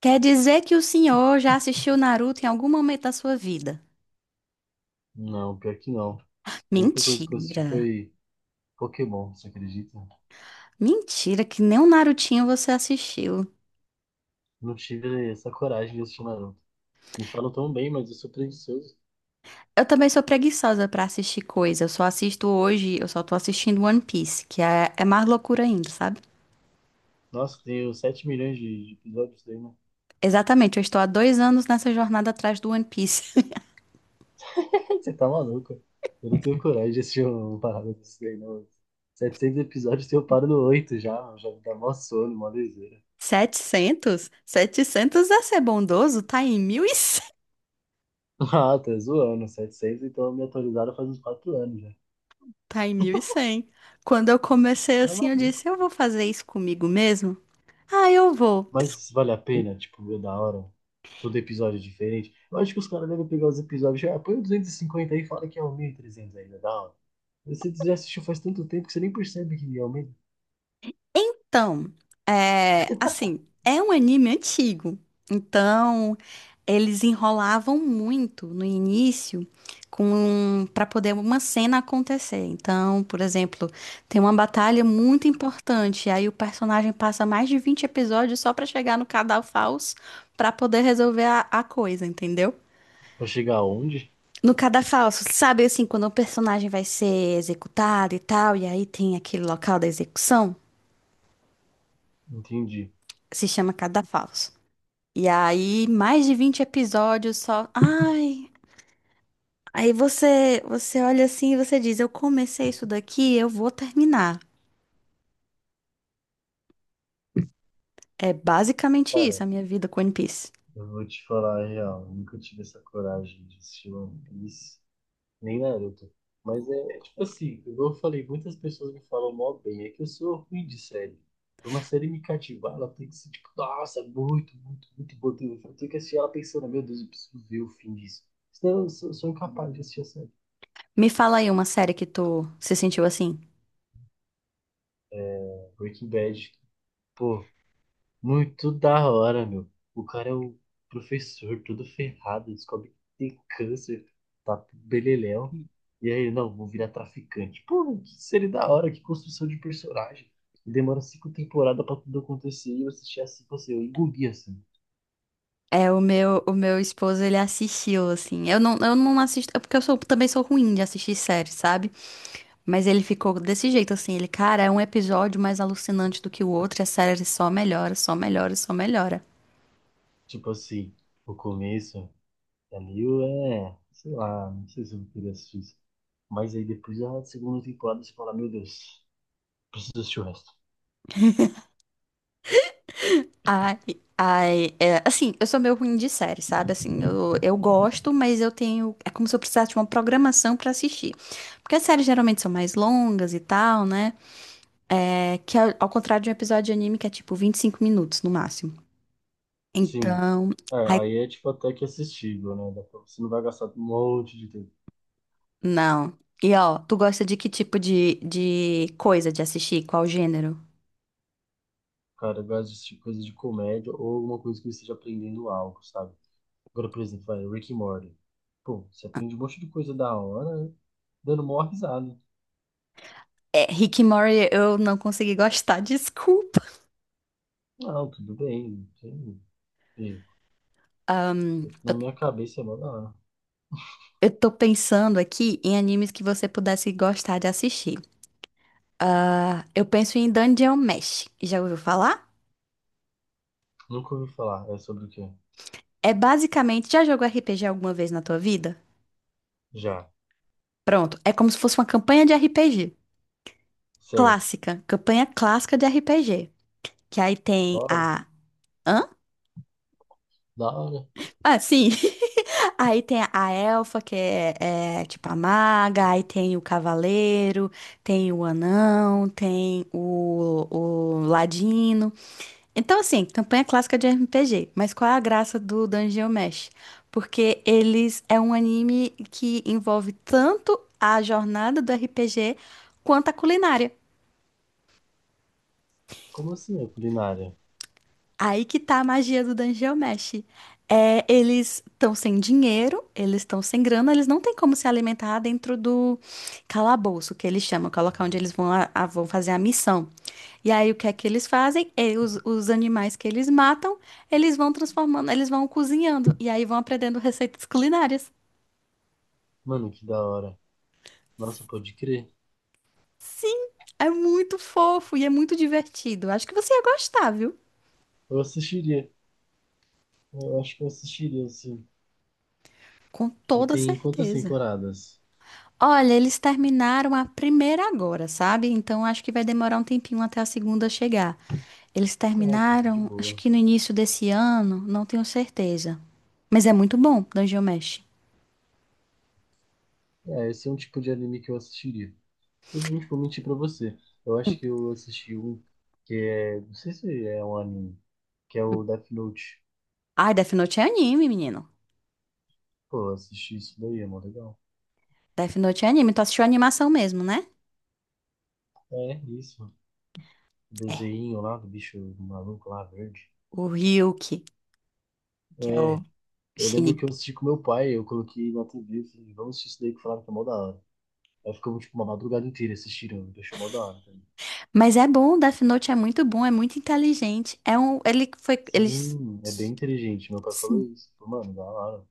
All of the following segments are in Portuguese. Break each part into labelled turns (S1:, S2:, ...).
S1: Quer dizer que o senhor já assistiu Naruto em algum momento da sua vida?
S2: Não, pior que não. A única coisa que eu assisti
S1: Mentira.
S2: foi Pokémon, você acredita?
S1: Mentira, que nem um Narutinho você assistiu.
S2: Não tive essa coragem de assistir Naruto. Me falam tão bem, mas eu sou preguiçoso.
S1: Eu também sou preguiçosa pra assistir coisa. Eu só assisto hoje, eu só tô assistindo One Piece, que é mais loucura ainda, sabe?
S2: Nossa, tenho 7 milhões de episódios daí, né?
S1: Exatamente, eu estou há 2 anos nessa jornada atrás do One Piece.
S2: Você tá maluco? Eu não tenho coragem de assistir uma parada desse daí, não. 700 episódios, eu paro no 8 já, já me dá mó sono, mó liseira.
S1: 700, 700 é ser bondoso? Tá em 1.100.
S2: Ah, tá zoando, 700, então me atualizaram faz uns 4 anos já.
S1: Tá em 1.100. Quando eu comecei
S2: Tá
S1: assim, eu
S2: maluco?
S1: disse, eu vou fazer isso comigo mesmo? Ah, eu vou.
S2: Mas vale a pena, tipo, é da hora. Todo episódio é diferente. Eu acho que os caras devem pegar os episódios. Já, "Ah, põe o 250 aí e fala que é o 1.300 ainda", da hora. Você já assistiu faz tanto tempo que você nem percebe que aumenta.
S1: Então, é, assim, é um anime antigo. Então, eles enrolavam muito no início com para poder uma cena acontecer. Então, por exemplo, tem uma batalha muito importante, aí o personagem passa mais de 20 episódios só pra chegar no Cadafalso pra poder resolver a coisa, entendeu?
S2: Pra chegar aonde?
S1: No cadafalso, sabe assim, quando o personagem vai ser executado e tal, e aí tem aquele local da execução,
S2: Entendi.
S1: se chama cadafalso. E aí, mais de 20 episódios só. Ai, aí você olha assim e você diz: eu comecei isso daqui, eu vou terminar. É basicamente isso,
S2: Cara,
S1: a minha vida com One Piece.
S2: eu vou te falar a real. Eu nunca tive essa coragem de assistir One Piece, nem Naruto. Mas é, é tipo assim, como eu falei, muitas pessoas me falam mó bem, é que eu sou ruim de série. Pra uma série me cativar, ela tem que ser tipo, nossa, muito, muito, muito boa. Eu tenho que assistir ela pensando, meu Deus, eu preciso ver o fim disso. Senão eu sou incapaz de assistir a série.
S1: Me fala aí uma série que tu se sentiu assim.
S2: Breaking Bad, pô, muito da hora, meu. O cara é o professor, todo ferrado, descobre que tem câncer, tá beleléu. E aí, não, vou virar traficante. Pô, que série da hora, que construção de personagem. Demora cinco temporadas pra tudo acontecer e eu assisti assim, assim, eu engoli assim.
S1: É, o meu esposo, ele assistiu, assim. Eu não assisto, é porque eu sou, também sou ruim de assistir séries, sabe? Mas ele ficou desse jeito, assim. Ele, cara, é um episódio mais alucinante do que o outro, e a série só melhora, só melhora, só melhora.
S2: Tipo assim, o começo é meio, sei lá, não sei se eu queria assistir isso. Mas aí depois da segunda temporada você fala, meu Deus, preciso assistir o resto.
S1: Ai, ai, é, assim, eu sou meio ruim de série, sabe? Assim, eu gosto, mas eu tenho. É como se eu precisasse de uma programação pra assistir. Porque as séries geralmente são mais longas e tal, né? É, que ao contrário de um episódio de anime que é tipo 25 minutos no máximo.
S2: Sim.
S1: Então,
S2: É,
S1: ai,
S2: aí é tipo até que assistível, né? Dá pra- Você não vai gastar um monte de tempo.
S1: não. E ó, tu gosta de que tipo de coisa de assistir? Qual gênero?
S2: Cara, eu gosto de assistir coisa de comédia ou alguma coisa que eu esteja aprendendo algo, sabe? Agora, por exemplo, vai, Rick and Morty. Pô, você aprende um monte de coisa da hora, né? Dando mó risada.
S1: É, Rick and Morty eu não consegui gostar, desculpa.
S2: Não, tudo bem, tem erro.
S1: Ahn,
S2: É que
S1: eu
S2: na minha cabeça é mó da hora.
S1: Eu tô pensando aqui em animes que você pudesse gostar de assistir. Ah, eu penso em Dungeon Mesh. Já ouviu falar?
S2: Nunca ouvi falar. É sobre o quê?
S1: É basicamente, já jogou RPG alguma vez na tua vida?
S2: Já.
S1: Pronto, é como se fosse uma campanha de RPG.
S2: Certo.
S1: Clássica, campanha clássica de RPG. Que aí
S2: Da
S1: tem
S2: hora.
S1: a. Hã?
S2: Da hora.
S1: Ah, sim. Aí tem a elfa, que é, é tipo a maga, aí tem o cavaleiro, tem o anão, tem o ladino. Então, assim, campanha clássica de RPG, mas qual é a graça do Dungeon Mesh? Porque eles é um anime que envolve tanto a jornada do RPG quanto a culinária.
S2: Como assim é culinária?
S1: Aí que tá a magia do Dungeon Mesh. É, eles estão sem dinheiro, eles estão sem grana, eles não têm como se alimentar dentro do calabouço, que eles chamam, que é o local onde eles vão, vão fazer a missão. E aí o que é que eles fazem? E os animais que eles matam, eles vão transformando, eles vão cozinhando, e aí vão aprendendo receitas culinárias.
S2: Mano, que da hora. Nossa, pode crer.
S1: Sim, é muito fofo e é muito divertido. Acho que você ia gostar, viu?
S2: Eu assistiria. Eu acho que eu assistiria, assim.
S1: Com
S2: E
S1: toda
S2: tem quantas
S1: certeza.
S2: temporadas?
S1: Olha, eles terminaram a primeira agora, sabe? Então acho que vai demorar um tempinho até a segunda chegar. Eles
S2: Ah, então tá de
S1: terminaram, acho
S2: boa.
S1: que no início desse ano, não tenho certeza. Mas é muito bom, Dungeon Mesh.
S2: É, esse é um tipo de anime que eu assistiria. Eu não vou mentir pra você. Eu acho que eu assisti um que é. Não sei se é um anime, que é o Death Note.
S1: Ai, Death Note é anime, menino.
S2: Pô, eu assisti isso daí, é mó legal.
S1: Death Note é anime. Tu assistiu a animação mesmo, né?
S2: É, isso. O
S1: É.
S2: desenho lá do bicho maluco lá, verde.
S1: O Ryuki, que é o
S2: É, eu lembro que eu
S1: Shinigami.
S2: assisti com meu pai, eu coloquei na TV e falei, vamos assistir isso daí que falaram que é mó da hora. Aí ficamos, tipo, uma madrugada inteira assistindo, deixou mó da hora. Tá.
S1: Mas é bom, Death Note é muito bom, é muito inteligente. É um, ele foi, eles.
S2: Sim, é bem inteligente. Meu pai falou isso. Falou, mano, da hora.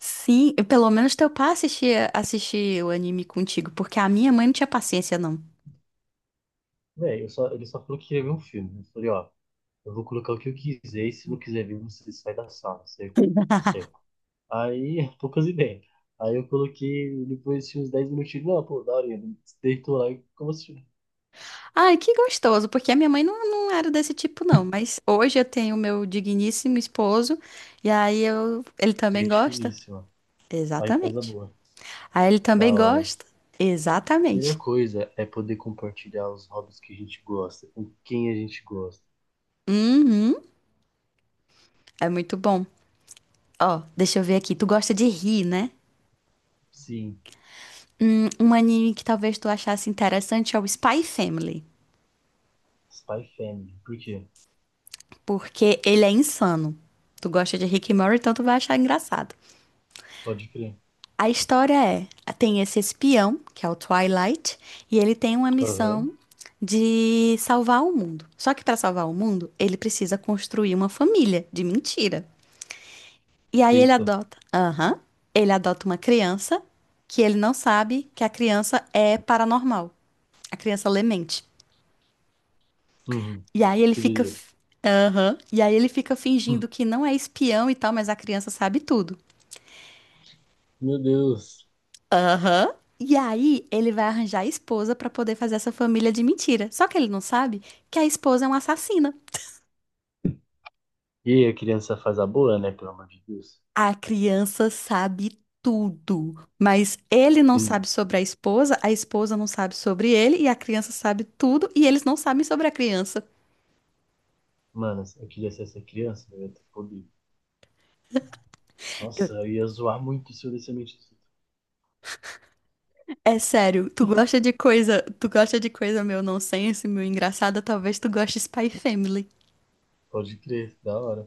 S1: Sim, e pelo menos teu pai assistia, assistia o anime contigo, porque a minha mãe não tinha paciência, não.
S2: Véi, eu só, ele só falou que queria ver um filme. Eu falei, ó, eu vou colocar o que eu quiser e se não quiser ver, você sai da sala, certo? Certo. Aí, poucas ideias. Aí eu coloquei, depois de uns 10 minutinhos, não, pô, da hora, ele deitou lá e como assim?
S1: Ai, que gostoso, porque a minha mãe não, não era desse tipo, não. Mas hoje eu tenho o meu digníssimo esposo, e aí eu, ele também
S2: Gente
S1: gosta?
S2: finíssima. Aí faz a
S1: Exatamente.
S2: boa.
S1: Aí ele
S2: Da
S1: também
S2: hora.
S1: gosta?
S2: Melhor
S1: Exatamente.
S2: coisa é poder compartilhar os hobbies que a gente gosta, com quem a gente gosta.
S1: Uhum, é muito bom. Ó, deixa eu ver aqui, tu gosta de rir, né?
S2: Sim.
S1: Um anime que talvez tu achasse interessante é o Spy Family.
S2: Spy Family. Por quê?
S1: Porque ele é insano. Tu gosta de Rick e Morty, então tu vai achar engraçado.
S2: Pode crer.
S1: A história é, tem esse espião, que é o Twilight, e ele tem uma
S2: Aham.
S1: missão de salvar o mundo. Só que para salvar o mundo, ele precisa construir uma família de mentira. E aí ele
S2: Eita.
S1: adota, aham, ele adota uma criança que ele não sabe que a criança é paranormal. A criança lê mente.
S2: Uhum.
S1: E aí
S2: Que doideira.
S1: aham, e aí ele fica fingindo
S2: Hum.
S1: que não é espião e tal, mas a criança sabe tudo.
S2: Meu Deus.
S1: Aham. E aí, ele vai arranjar a esposa pra poder fazer essa família de mentira. Só que ele não sabe que a esposa é uma assassina.
S2: E aí, a criança faz a boa, né? Pelo amor de Deus.
S1: A criança sabe tudo, mas ele não
S2: E,
S1: sabe sobre a esposa não sabe sobre ele, e a criança sabe tudo, e eles não sabem sobre a criança.
S2: mano, eu queria ser essa criança, eu ia ter poder. Nossa,
S1: Eu-
S2: eu ia zoar muito se eu desse a mente do filho.
S1: É sério, tu gosta de coisa, tu gosta de coisa meu nonsense, meu engraçada, talvez tu goste de Spy Family.
S2: Pode crer, da hora.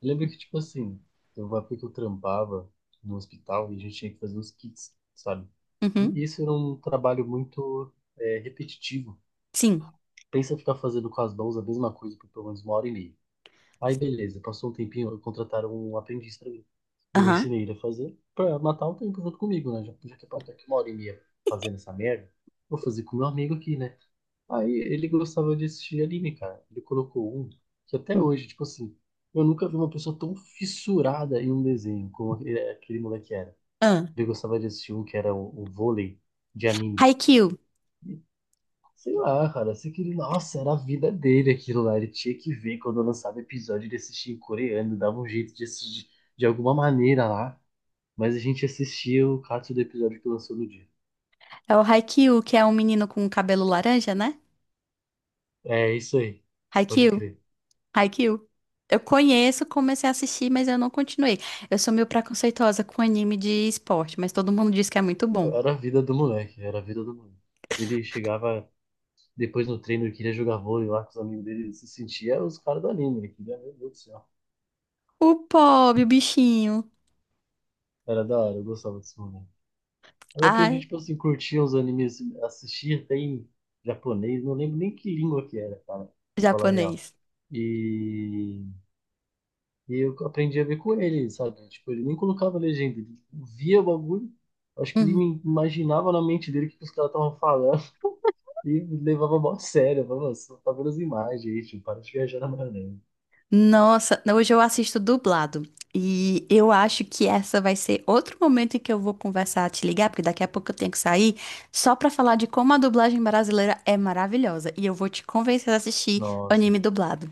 S2: Eu lembro que, tipo assim, eu uma época que eu trampava no hospital e a gente tinha que fazer os kits, sabe?
S1: Uhum.
S2: E isso era um trabalho muito é, repetitivo.
S1: Sim.
S2: Pensa ficar fazendo com as mãos a mesma coisa por pelo menos uma hora e meia. Aí beleza, passou um tempinho, contrataram um aprendiz pra mim. E eu
S1: Aham.
S2: ensinei ele a fazer pra matar o tempo junto comigo, né? Já que eu tô aqui uma hora e meia fazendo essa merda, vou fazer com meu amigo aqui, né? Aí ele gostava de assistir anime, cara. Ele colocou um que até
S1: Hum.
S2: hoje, tipo assim, eu nunca vi uma pessoa tão fissurada em um desenho como aquele, aquele moleque era.
S1: Ah.
S2: Ele gostava de assistir um que era o vôlei de anime.
S1: Haikyuu.
S2: Sei lá, cara, sei que ele, nossa, era a vida dele aquilo lá, ele tinha que ver quando lançava episódio de assistir em coreano, dava um jeito de assistir de alguma maneira lá, mas a gente assistia o cato do episódio que lançou no dia.
S1: É o Haikyuu, que é um menino com cabelo laranja, né?
S2: É isso aí, pode
S1: Haikyuu,
S2: crer.
S1: Haikyuu. Eu conheço, comecei a assistir, mas eu não continuei. Eu sou meio preconceituosa com anime de esporte, mas todo mundo diz que é muito
S2: Meu,
S1: bom.
S2: era a vida do moleque, era a vida do moleque. Ele chegava depois no treino, ele queria jogar vôlei lá com os amigos dele, ele se sentia os caras do anime, ele queria, meu Deus do céu.
S1: O pobre, o bichinho.
S2: Era da hora, eu gostava desse moleque. Eu aprendi,
S1: Ai,
S2: tipo assim, curtir os animes, assistir até em japonês, não lembro nem que língua que era, cara, pra falar a real.
S1: japonês.
S2: E, e eu aprendi a ver com ele, sabe? Tipo, ele nem colocava legenda, ele via o bagulho, acho que ele
S1: Uhum.
S2: me imaginava na mente dele o que que os caras estavam falando e me levava mó a sério. Eu falava, "Nossa, tá vendo as imagens aí, tipo, para de viajar na maionese."
S1: Nossa, hoje eu assisto dublado. E eu acho que essa vai ser outro momento em que eu vou conversar, te ligar, porque daqui a pouco eu tenho que sair, só pra falar de como a dublagem brasileira é maravilhosa. E eu vou te convencer a assistir
S2: Nossa,
S1: anime dublado.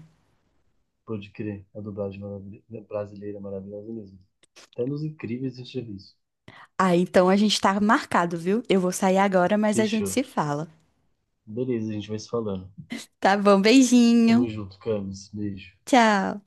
S2: pode crer, a dublagem maravil- brasileira é maravilhosa mesmo. Até nos incríveis a gente já viu isso.
S1: Ah, então a gente tá marcado, viu? Eu vou sair agora, mas a gente se
S2: Fechou.
S1: fala.
S2: Beleza, a gente vai se falando.
S1: Tá bom,
S2: Tamo
S1: beijinho.
S2: junto, Camis. Beijo.
S1: Tchau.